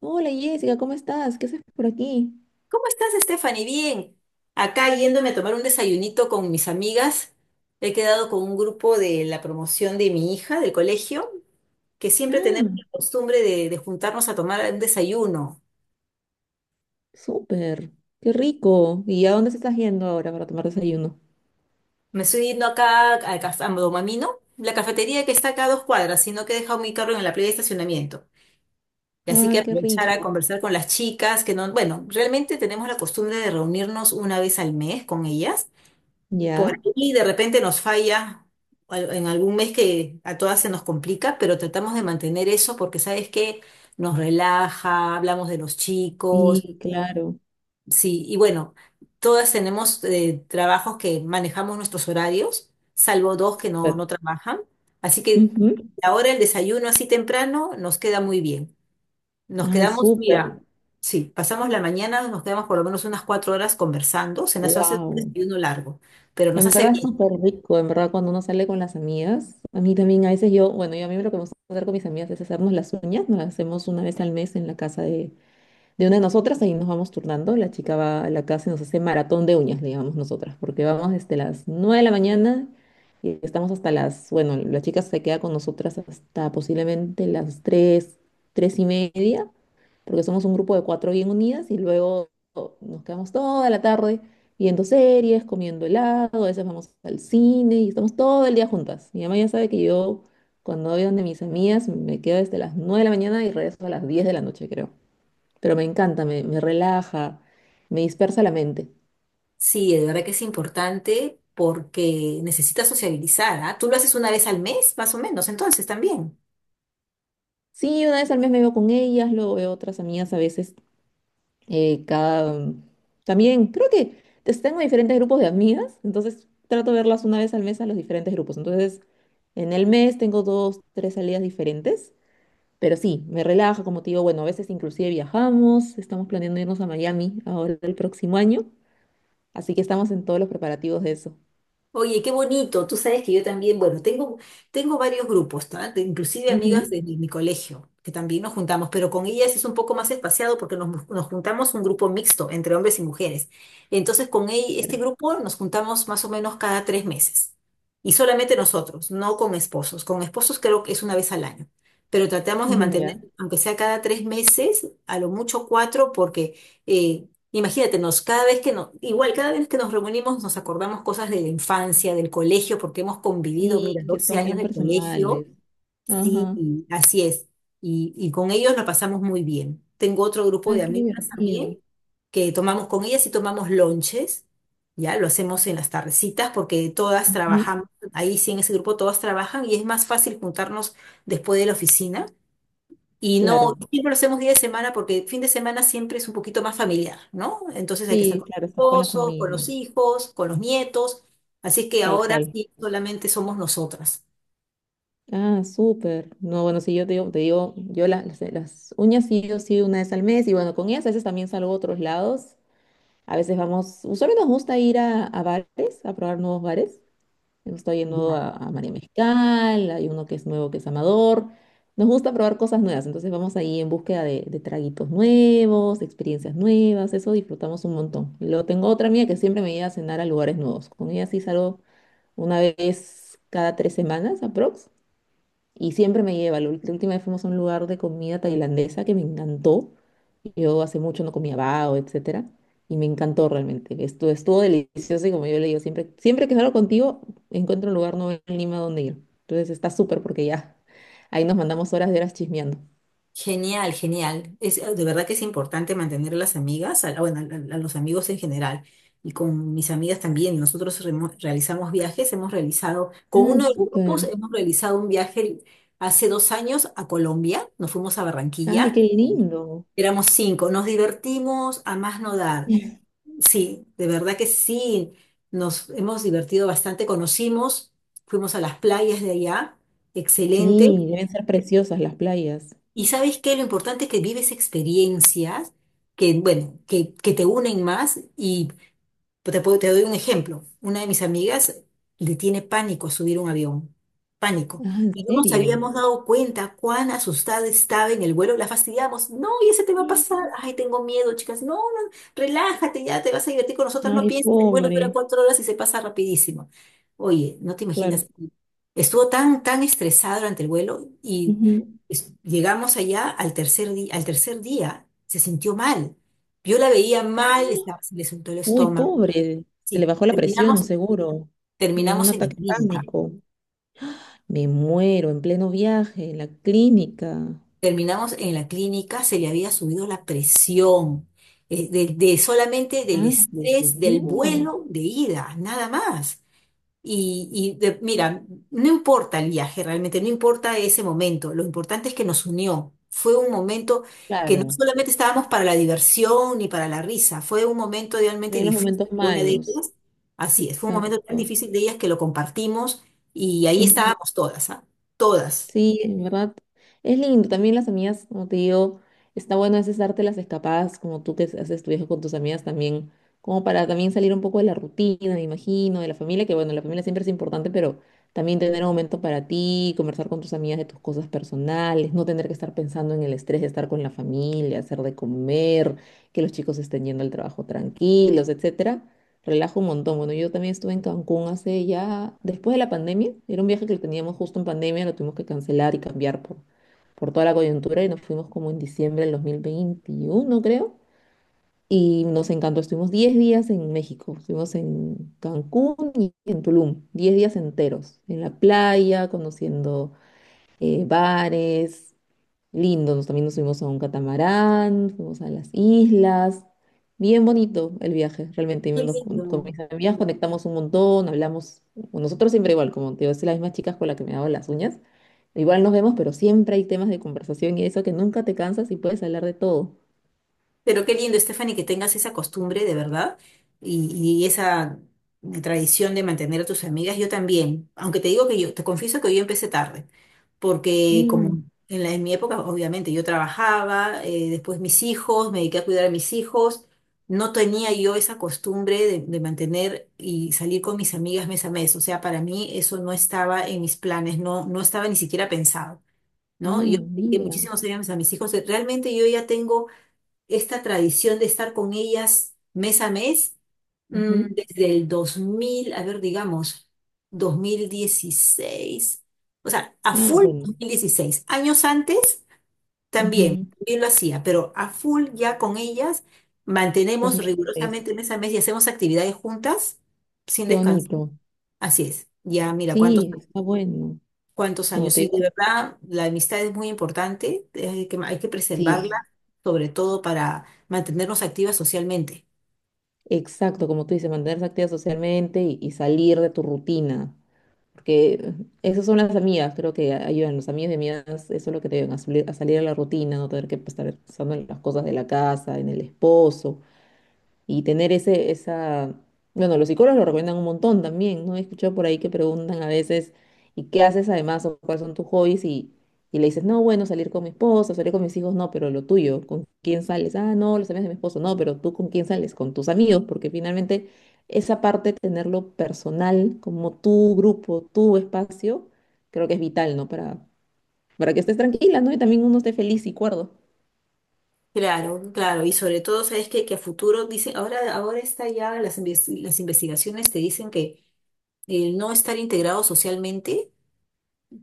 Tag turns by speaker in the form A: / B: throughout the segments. A: Hola Jessica, ¿cómo estás? ¿Qué haces por aquí?
B: ¿Cómo estás, Stephanie? Bien. Acá yéndome a tomar un desayunito con mis amigas. He quedado con un grupo de la promoción de mi hija del colegio, que siempre tenemos
A: Ah,
B: la costumbre de juntarnos a tomar un desayuno.
A: súper, qué rico. ¿Y a dónde se estás yendo ahora para tomar desayuno?
B: Me estoy yendo acá al café, a Domamino, la cafetería que está acá a dos cuadras, sino que he dejado mi carro en la playa de estacionamiento. Y así
A: Ah,
B: que
A: qué
B: aprovechar a
A: rico.
B: conversar con las chicas, que no, bueno, realmente tenemos la costumbre de reunirnos una vez al mes con ellas. Por
A: ¿Ya?
B: ahí de repente nos falla en algún mes que a todas se nos complica, pero tratamos de mantener eso porque sabes que nos relaja, hablamos de los chicos,
A: Sí, claro.
B: sí, y bueno, todas tenemos trabajos que manejamos nuestros horarios, salvo dos que no,
A: Súper.
B: no trabajan, así que
A: Ujú.
B: ahora el desayuno así temprano nos queda muy bien. Nos
A: Ay,
B: quedamos,
A: súper.
B: mira, sí, pasamos la mañana, nos quedamos por lo menos unas 4 horas conversando, se nos hace un
A: Wow.
B: desayuno largo, pero nos
A: En
B: hace
A: verdad es
B: bien.
A: súper rico, en verdad cuando uno sale con las amigas, a mí también a veces yo, bueno, yo a mí lo que me gusta hacer con mis amigas es hacernos las uñas, nos las hacemos una vez al mes en la casa de una de nosotras, ahí nos vamos turnando, la chica va a la casa y nos hace maratón de uñas, le llamamos nosotras, porque vamos desde las 9 de la mañana y estamos hasta las, bueno, la chica se queda con nosotras hasta posiblemente las tres, 3 y media, porque somos un grupo de cuatro bien unidas y luego nos quedamos toda la tarde viendo series, comiendo helado, a veces vamos al cine y estamos todo el día juntas. Mi mamá ya sabe que yo. Cuando voy donde mis amigas, me quedo desde las 9 de la mañana y regreso a las 10 de la noche, creo, pero me encanta, me relaja, me dispersa la mente.
B: Sí, de verdad que es importante porque necesitas sociabilizar, ¿ah? Tú lo haces una vez al mes, más o menos, entonces también.
A: Sí, una vez al mes me veo con ellas, luego veo otras amigas a veces, cada. También creo que pues, tengo diferentes grupos de amigas, entonces trato de verlas una vez al mes a los diferentes grupos. Entonces, en el mes tengo dos, tres salidas diferentes, pero sí, me relaja, como te digo, bueno, a veces inclusive viajamos, estamos planeando irnos a Miami ahora el próximo año, así que estamos en todos los preparativos de eso.
B: Oye, qué bonito. Tú sabes que yo también, bueno, tengo varios grupos, ¿tá? Inclusive amigas
A: Ujú.
B: de mi colegio, que también nos juntamos, pero con ellas es un poco más espaciado porque nos juntamos un grupo mixto entre hombres y mujeres. Entonces, con este
A: Pero,
B: grupo nos juntamos más o menos cada 3 meses. Y solamente nosotros, no con esposos. Con esposos creo que es una vez al año. Pero tratamos de
A: ujú,
B: mantener,
A: ya.
B: aunque sea cada 3 meses, a lo mucho cuatro, porque... eh, Imagínate, nos, cada vez que nos, igual cada vez que nos reunimos nos acordamos cosas de la infancia, del colegio, porque hemos convivido,
A: Sí,
B: mira,
A: que
B: 12
A: son
B: años
A: bien
B: de colegio,
A: personales.
B: sí,
A: Ajá.
B: y así es. Y con ellos la pasamos muy bien. Tengo otro grupo de
A: Ay, qué
B: amigas
A: divertido.
B: también, que tomamos con ellas y tomamos lonches, ya lo hacemos en las tardecitas, porque todas
A: Ujú,
B: trabajamos, ahí sí en ese grupo todas trabajan y es más fácil juntarnos después de la oficina y no,
A: claro.
B: siempre lo hacemos día de semana porque el fin de semana siempre es un poquito más familiar, ¿no? Entonces hay que estar
A: Sí,
B: con los
A: claro, estás con la
B: esposos, con
A: familia.
B: los hijos, con los nietos. Así es que
A: Tal
B: ahora
A: cual.
B: sí solamente somos nosotras.
A: Ah, súper. No, bueno, sí, yo te digo, yo las uñas sí, yo sí una vez al mes y bueno, con ellas a veces también salgo a otros lados. A veces vamos, usualmente nos gusta ir a bares, a probar nuevos bares. Hemos estado yendo
B: Ya.
A: a María Mezcal, hay uno que es nuevo que es Amador. Nos gusta probar cosas nuevas, entonces vamos ahí en búsqueda de traguitos nuevos, de experiencias nuevas, eso disfrutamos un montón. Luego tengo otra amiga que siempre me lleva a cenar a lugares nuevos. Con ella sí salgo una vez cada 3 semanas, aprox. Y siempre me lleva. La última vez fuimos a un lugar de comida tailandesa que me encantó. Yo hace mucho no comía bao, etcétera. Y me encantó realmente. Estuvo delicioso y como yo le digo, siempre, siempre que salgo contigo, encuentro un lugar nuevo en Lima donde ir. Entonces está súper porque ya ahí nos mandamos horas de horas chismeando.
B: Genial, genial. Es, de verdad que es importante mantener a las amigas, a, bueno, a los amigos en general. Y con mis amigas también. Nosotros realizamos viajes, hemos realizado, con
A: Ay,
B: uno de los grupos
A: súper.
B: hemos realizado un viaje hace 2 años a Colombia. Nos fuimos a
A: Ay, qué
B: Barranquilla.
A: lindo.
B: Éramos cinco, nos divertimos a más no dar. Sí, de verdad que sí, nos hemos divertido bastante, conocimos, fuimos a las playas de allá, excelente.
A: Sí, deben ser preciosas las playas.
B: Y sabes qué, lo importante es que vives experiencias que, bueno, que te unen más y pues te doy un ejemplo. Una de mis amigas le tiene pánico subir un avión. Pánico.
A: Ah, ¿en
B: Y no nos
A: serio?
B: habíamos dado cuenta cuán asustada estaba en el vuelo. La fastidiamos. No, y ese te va a pasar.
A: Mm.
B: Ay, tengo miedo, chicas. No, no, relájate, ya te vas a divertir con nosotras. No
A: Ay,
B: pienses, el vuelo dura
A: pobre.
B: 4 horas y se pasa rapidísimo. Oye, no te
A: Claro.
B: imaginas. Estuvo tan, tan estresada durante el vuelo y llegamos allá al tercer día se sintió mal. Yo la veía mal, estaba- se le soltó el
A: Uy,
B: estómago.
A: pobre, se le
B: Sí,
A: bajó la presión,
B: terminamos,
A: seguro. Le dio un
B: terminamos en la
A: ataque de
B: clínica.
A: pánico. Me muero en pleno viaje, en la clínica.
B: Terminamos en la clínica, se le había subido la presión, de solamente del
A: Ah, le
B: estrés del
A: subió.
B: vuelo de ida, nada más. Y mira, no importa el viaje realmente, no importa ese momento, lo importante es que nos unió. Fue un momento que no
A: Claro,
B: solamente estábamos para la diversión ni para la risa, fue un momento realmente
A: en los
B: difícil
A: momentos
B: de una de
A: malos.
B: ellas. Así es, fue un momento tan
A: Exacto.
B: difícil de ellas que lo compartimos y ahí
A: Ujú.
B: estábamos todas, ¿ah? Todas.
A: Sí, en verdad es lindo. También las amigas, como te digo, está bueno a veces darte las escapadas, como tú que haces tu viaje con tus amigas también, como para también salir un poco de la rutina, me imagino, de la familia, que bueno, la familia siempre es importante, pero también tener un momento para ti, conversar con tus amigas de tus cosas personales, no tener que estar pensando en el estrés de estar con la familia, hacer de comer, que los chicos estén yendo al trabajo tranquilos, etcétera, relajo un montón. Bueno, yo también estuve en Cancún hace ya, después de la pandemia, era un viaje que teníamos justo en pandemia, lo tuvimos que cancelar y cambiar por toda la coyuntura y nos fuimos como en diciembre del 2021, creo. Y nos encantó, estuvimos 10 días en México, estuvimos en Cancún y en Tulum, 10 días enteros, en la playa, conociendo bares. Lindo, nos, también nos subimos a un catamarán, fuimos a las islas. Bien bonito el viaje, realmente.
B: Qué
A: Nos, con
B: lindo.
A: mis amigas conectamos un montón, hablamos. Con nosotros siempre igual, como te digo, es las mismas chicas con las que me hago las uñas. Igual nos vemos, pero siempre hay temas de conversación y eso que nunca te cansas y puedes hablar de todo.
B: Pero qué lindo, Stephanie, que tengas esa costumbre de verdad y, y esa tradición de mantener a tus amigas. Yo también, aunque te digo que yo, te confieso que yo empecé tarde, porque
A: Mm,
B: como en la, en mi época, obviamente, yo trabajaba, después mis hijos, me dediqué a cuidar a mis hijos, no tenía yo esa costumbre de mantener y salir con mis amigas mes a mes. O sea, para mí eso no estaba en mis planes, no, no estaba ni siquiera pensado, ¿no? Yo
A: ah,
B: dediqué
A: mira.
B: muchísimos años a mis hijos, realmente yo ya tengo esta tradición de estar con ellas mes a mes,
A: Ujú.
B: desde el 2000 a ver, digamos, 2016, o sea, a
A: Ah,
B: full
A: bueno.
B: 2016. Años antes también,
A: Ujú.
B: también lo hacía, pero a full ya con ellas mantenemos
A: 2016.
B: rigurosamente mes a mes y hacemos actividades juntas sin
A: Qué
B: descansar.
A: bonito.
B: Así es. Ya, mira, cuántos,
A: Sí, está bueno.
B: cuántos
A: Como
B: años.
A: te
B: Y de
A: digo.
B: verdad, la amistad es muy importante, que hay que preservarla,
A: Sí,
B: sobre todo para mantenernos activas socialmente.
A: exacto, como tú dices, mantenerse activa socialmente y salir de tu rutina. Porque esas son las amigas, creo que ayudan. Los amigos y amigas, eso es lo que te ayudan a salir de la rutina, no tener que estar pensando en las cosas de la casa, en el esposo y tener ese, esa, bueno, los psicólogos lo recomiendan un montón también, ¿no? He escuchado por ahí que preguntan a veces, ¿y qué haces además o cuáles son tus hobbies? Y le dices, no, bueno, salir con mi esposo, salir con mis hijos, no, pero lo tuyo, ¿con quién sales? Ah, no, los amigos de mi esposo, no, pero tú con quién sales, con tus amigos, porque finalmente esa parte, tenerlo personal, como tu grupo, tu espacio, creo que es vital, ¿no? Para que estés tranquila, ¿no? Y también uno esté feliz y cuerdo.
B: Claro, claro, y sobre todo, ¿sabes qué? Que a futuro dicen, ahora está ya, las investigaciones te dicen que el no estar integrado socialmente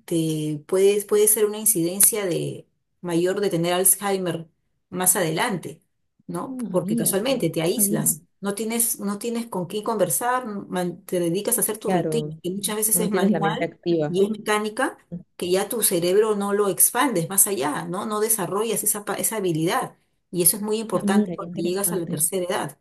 B: te puede, puede ser una incidencia de mayor de tener Alzheimer más adelante, ¿no?
A: Ah,
B: Porque
A: mira,
B: casualmente
A: no
B: te
A: sabía.
B: aíslas, no tienes, no tienes con quién conversar, te dedicas a hacer tu rutina,
A: Claro,
B: que muchas veces
A: no
B: es
A: tienes la mente
B: manual
A: activa.
B: y es mecánica, que ya tu cerebro no lo expandes más allá, ¿no? No desarrollas esa, esa habilidad. Y eso es muy
A: Ah,
B: importante
A: mira, qué
B: cuando llegas a la
A: interesante.
B: tercera edad,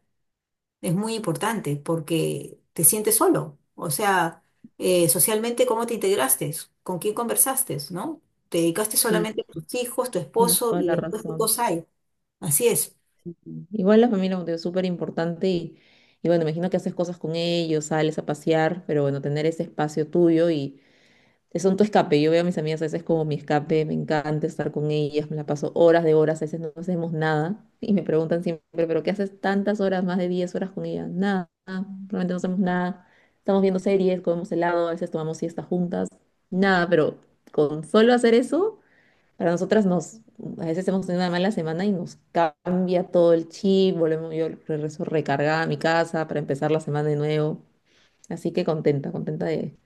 B: es muy importante porque te sientes solo. O sea, socialmente, ¿cómo te integraste? ¿Con quién conversaste? ¿No? ¿Te dedicaste
A: Sí,
B: solamente a tus hijos, tu
A: tienes
B: esposo
A: toda
B: y
A: la
B: después qué
A: razón.
B: cosa hay? Así es.
A: Sí, sí. Igual la familia, como te digo, es súper importante y bueno, imagino que haces cosas con ellos, sales a pasear, pero bueno, tener ese espacio tuyo y son tu escape. Yo veo a mis amigas a veces como mi escape, me encanta estar con ellas, me la paso horas de horas, a veces no hacemos nada y me preguntan siempre, ¿pero qué haces tantas horas, más de 10 horas con ellas? Nada, realmente no hacemos nada. Estamos viendo series, comemos helado, a veces tomamos siestas juntas, nada, pero con solo hacer eso, para nosotras nos, a veces hemos tenido una mala semana y nos cambia todo el chip, volvemos, yo regreso recargada a mi casa para empezar la semana de nuevo. Así que contenta, contenta de,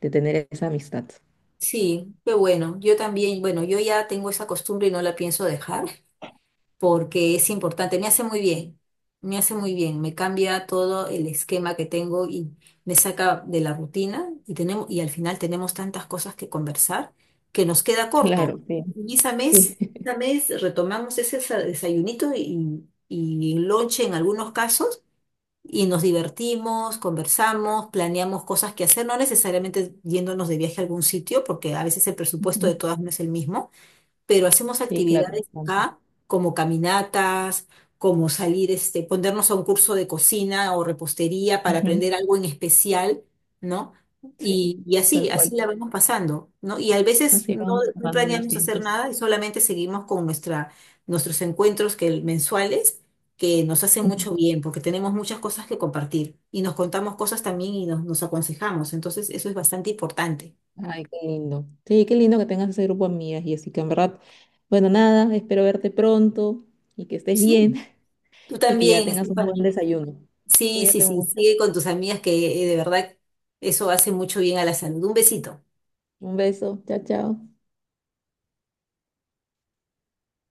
A: de tener esa amistad.
B: Sí, qué bueno. Yo también, bueno, yo ya tengo esa costumbre y no la pienso dejar. Porque es importante, me hace muy bien, me hace muy bien, me cambia todo el esquema que tengo y me saca de la rutina y tenemos, y al final tenemos tantas cosas que conversar que nos queda corto.
A: Claro, sí,
B: Y
A: sí.
B: esa mes retomamos ese desayunito y lonche en algunos casos y nos divertimos, conversamos, planeamos cosas que hacer, no necesariamente yéndonos de viaje a algún sitio, porque a veces el presupuesto de
A: Ujú.
B: todas no es el mismo, pero hacemos
A: Sí, claro,
B: actividades
A: bastante.
B: acá como caminatas, como salir, este, ponernos a un curso de cocina o repostería para
A: Ujú.
B: aprender algo en especial, ¿no?
A: Sí,
B: Y
A: tal
B: así
A: cual.
B: la vamos pasando, ¿no? Y a veces
A: Así
B: no,
A: van
B: no
A: pasando los
B: planeamos hacer
A: tiempos.
B: nada y solamente seguimos con nuestra, nuestros encuentros que, mensuales que nos hacen
A: Ujú.
B: mucho bien porque tenemos muchas cosas que compartir y nos contamos cosas también y nos aconsejamos. Entonces, eso es bastante importante.
A: Ay, qué lindo. Sí, qué lindo que tengas ese grupo de amigas, y así que en verdad, bueno, nada, espero verte pronto y que estés
B: Sí,
A: bien
B: tú
A: y que ya
B: también,
A: tengas un
B: Estefan.
A: buen desayuno.
B: Sí, sí,
A: Cuídate
B: sí,
A: mucho.
B: sigue con tus amigas que de verdad eso hace mucho bien a la salud. Un besito.
A: Un beso. Chao, chao.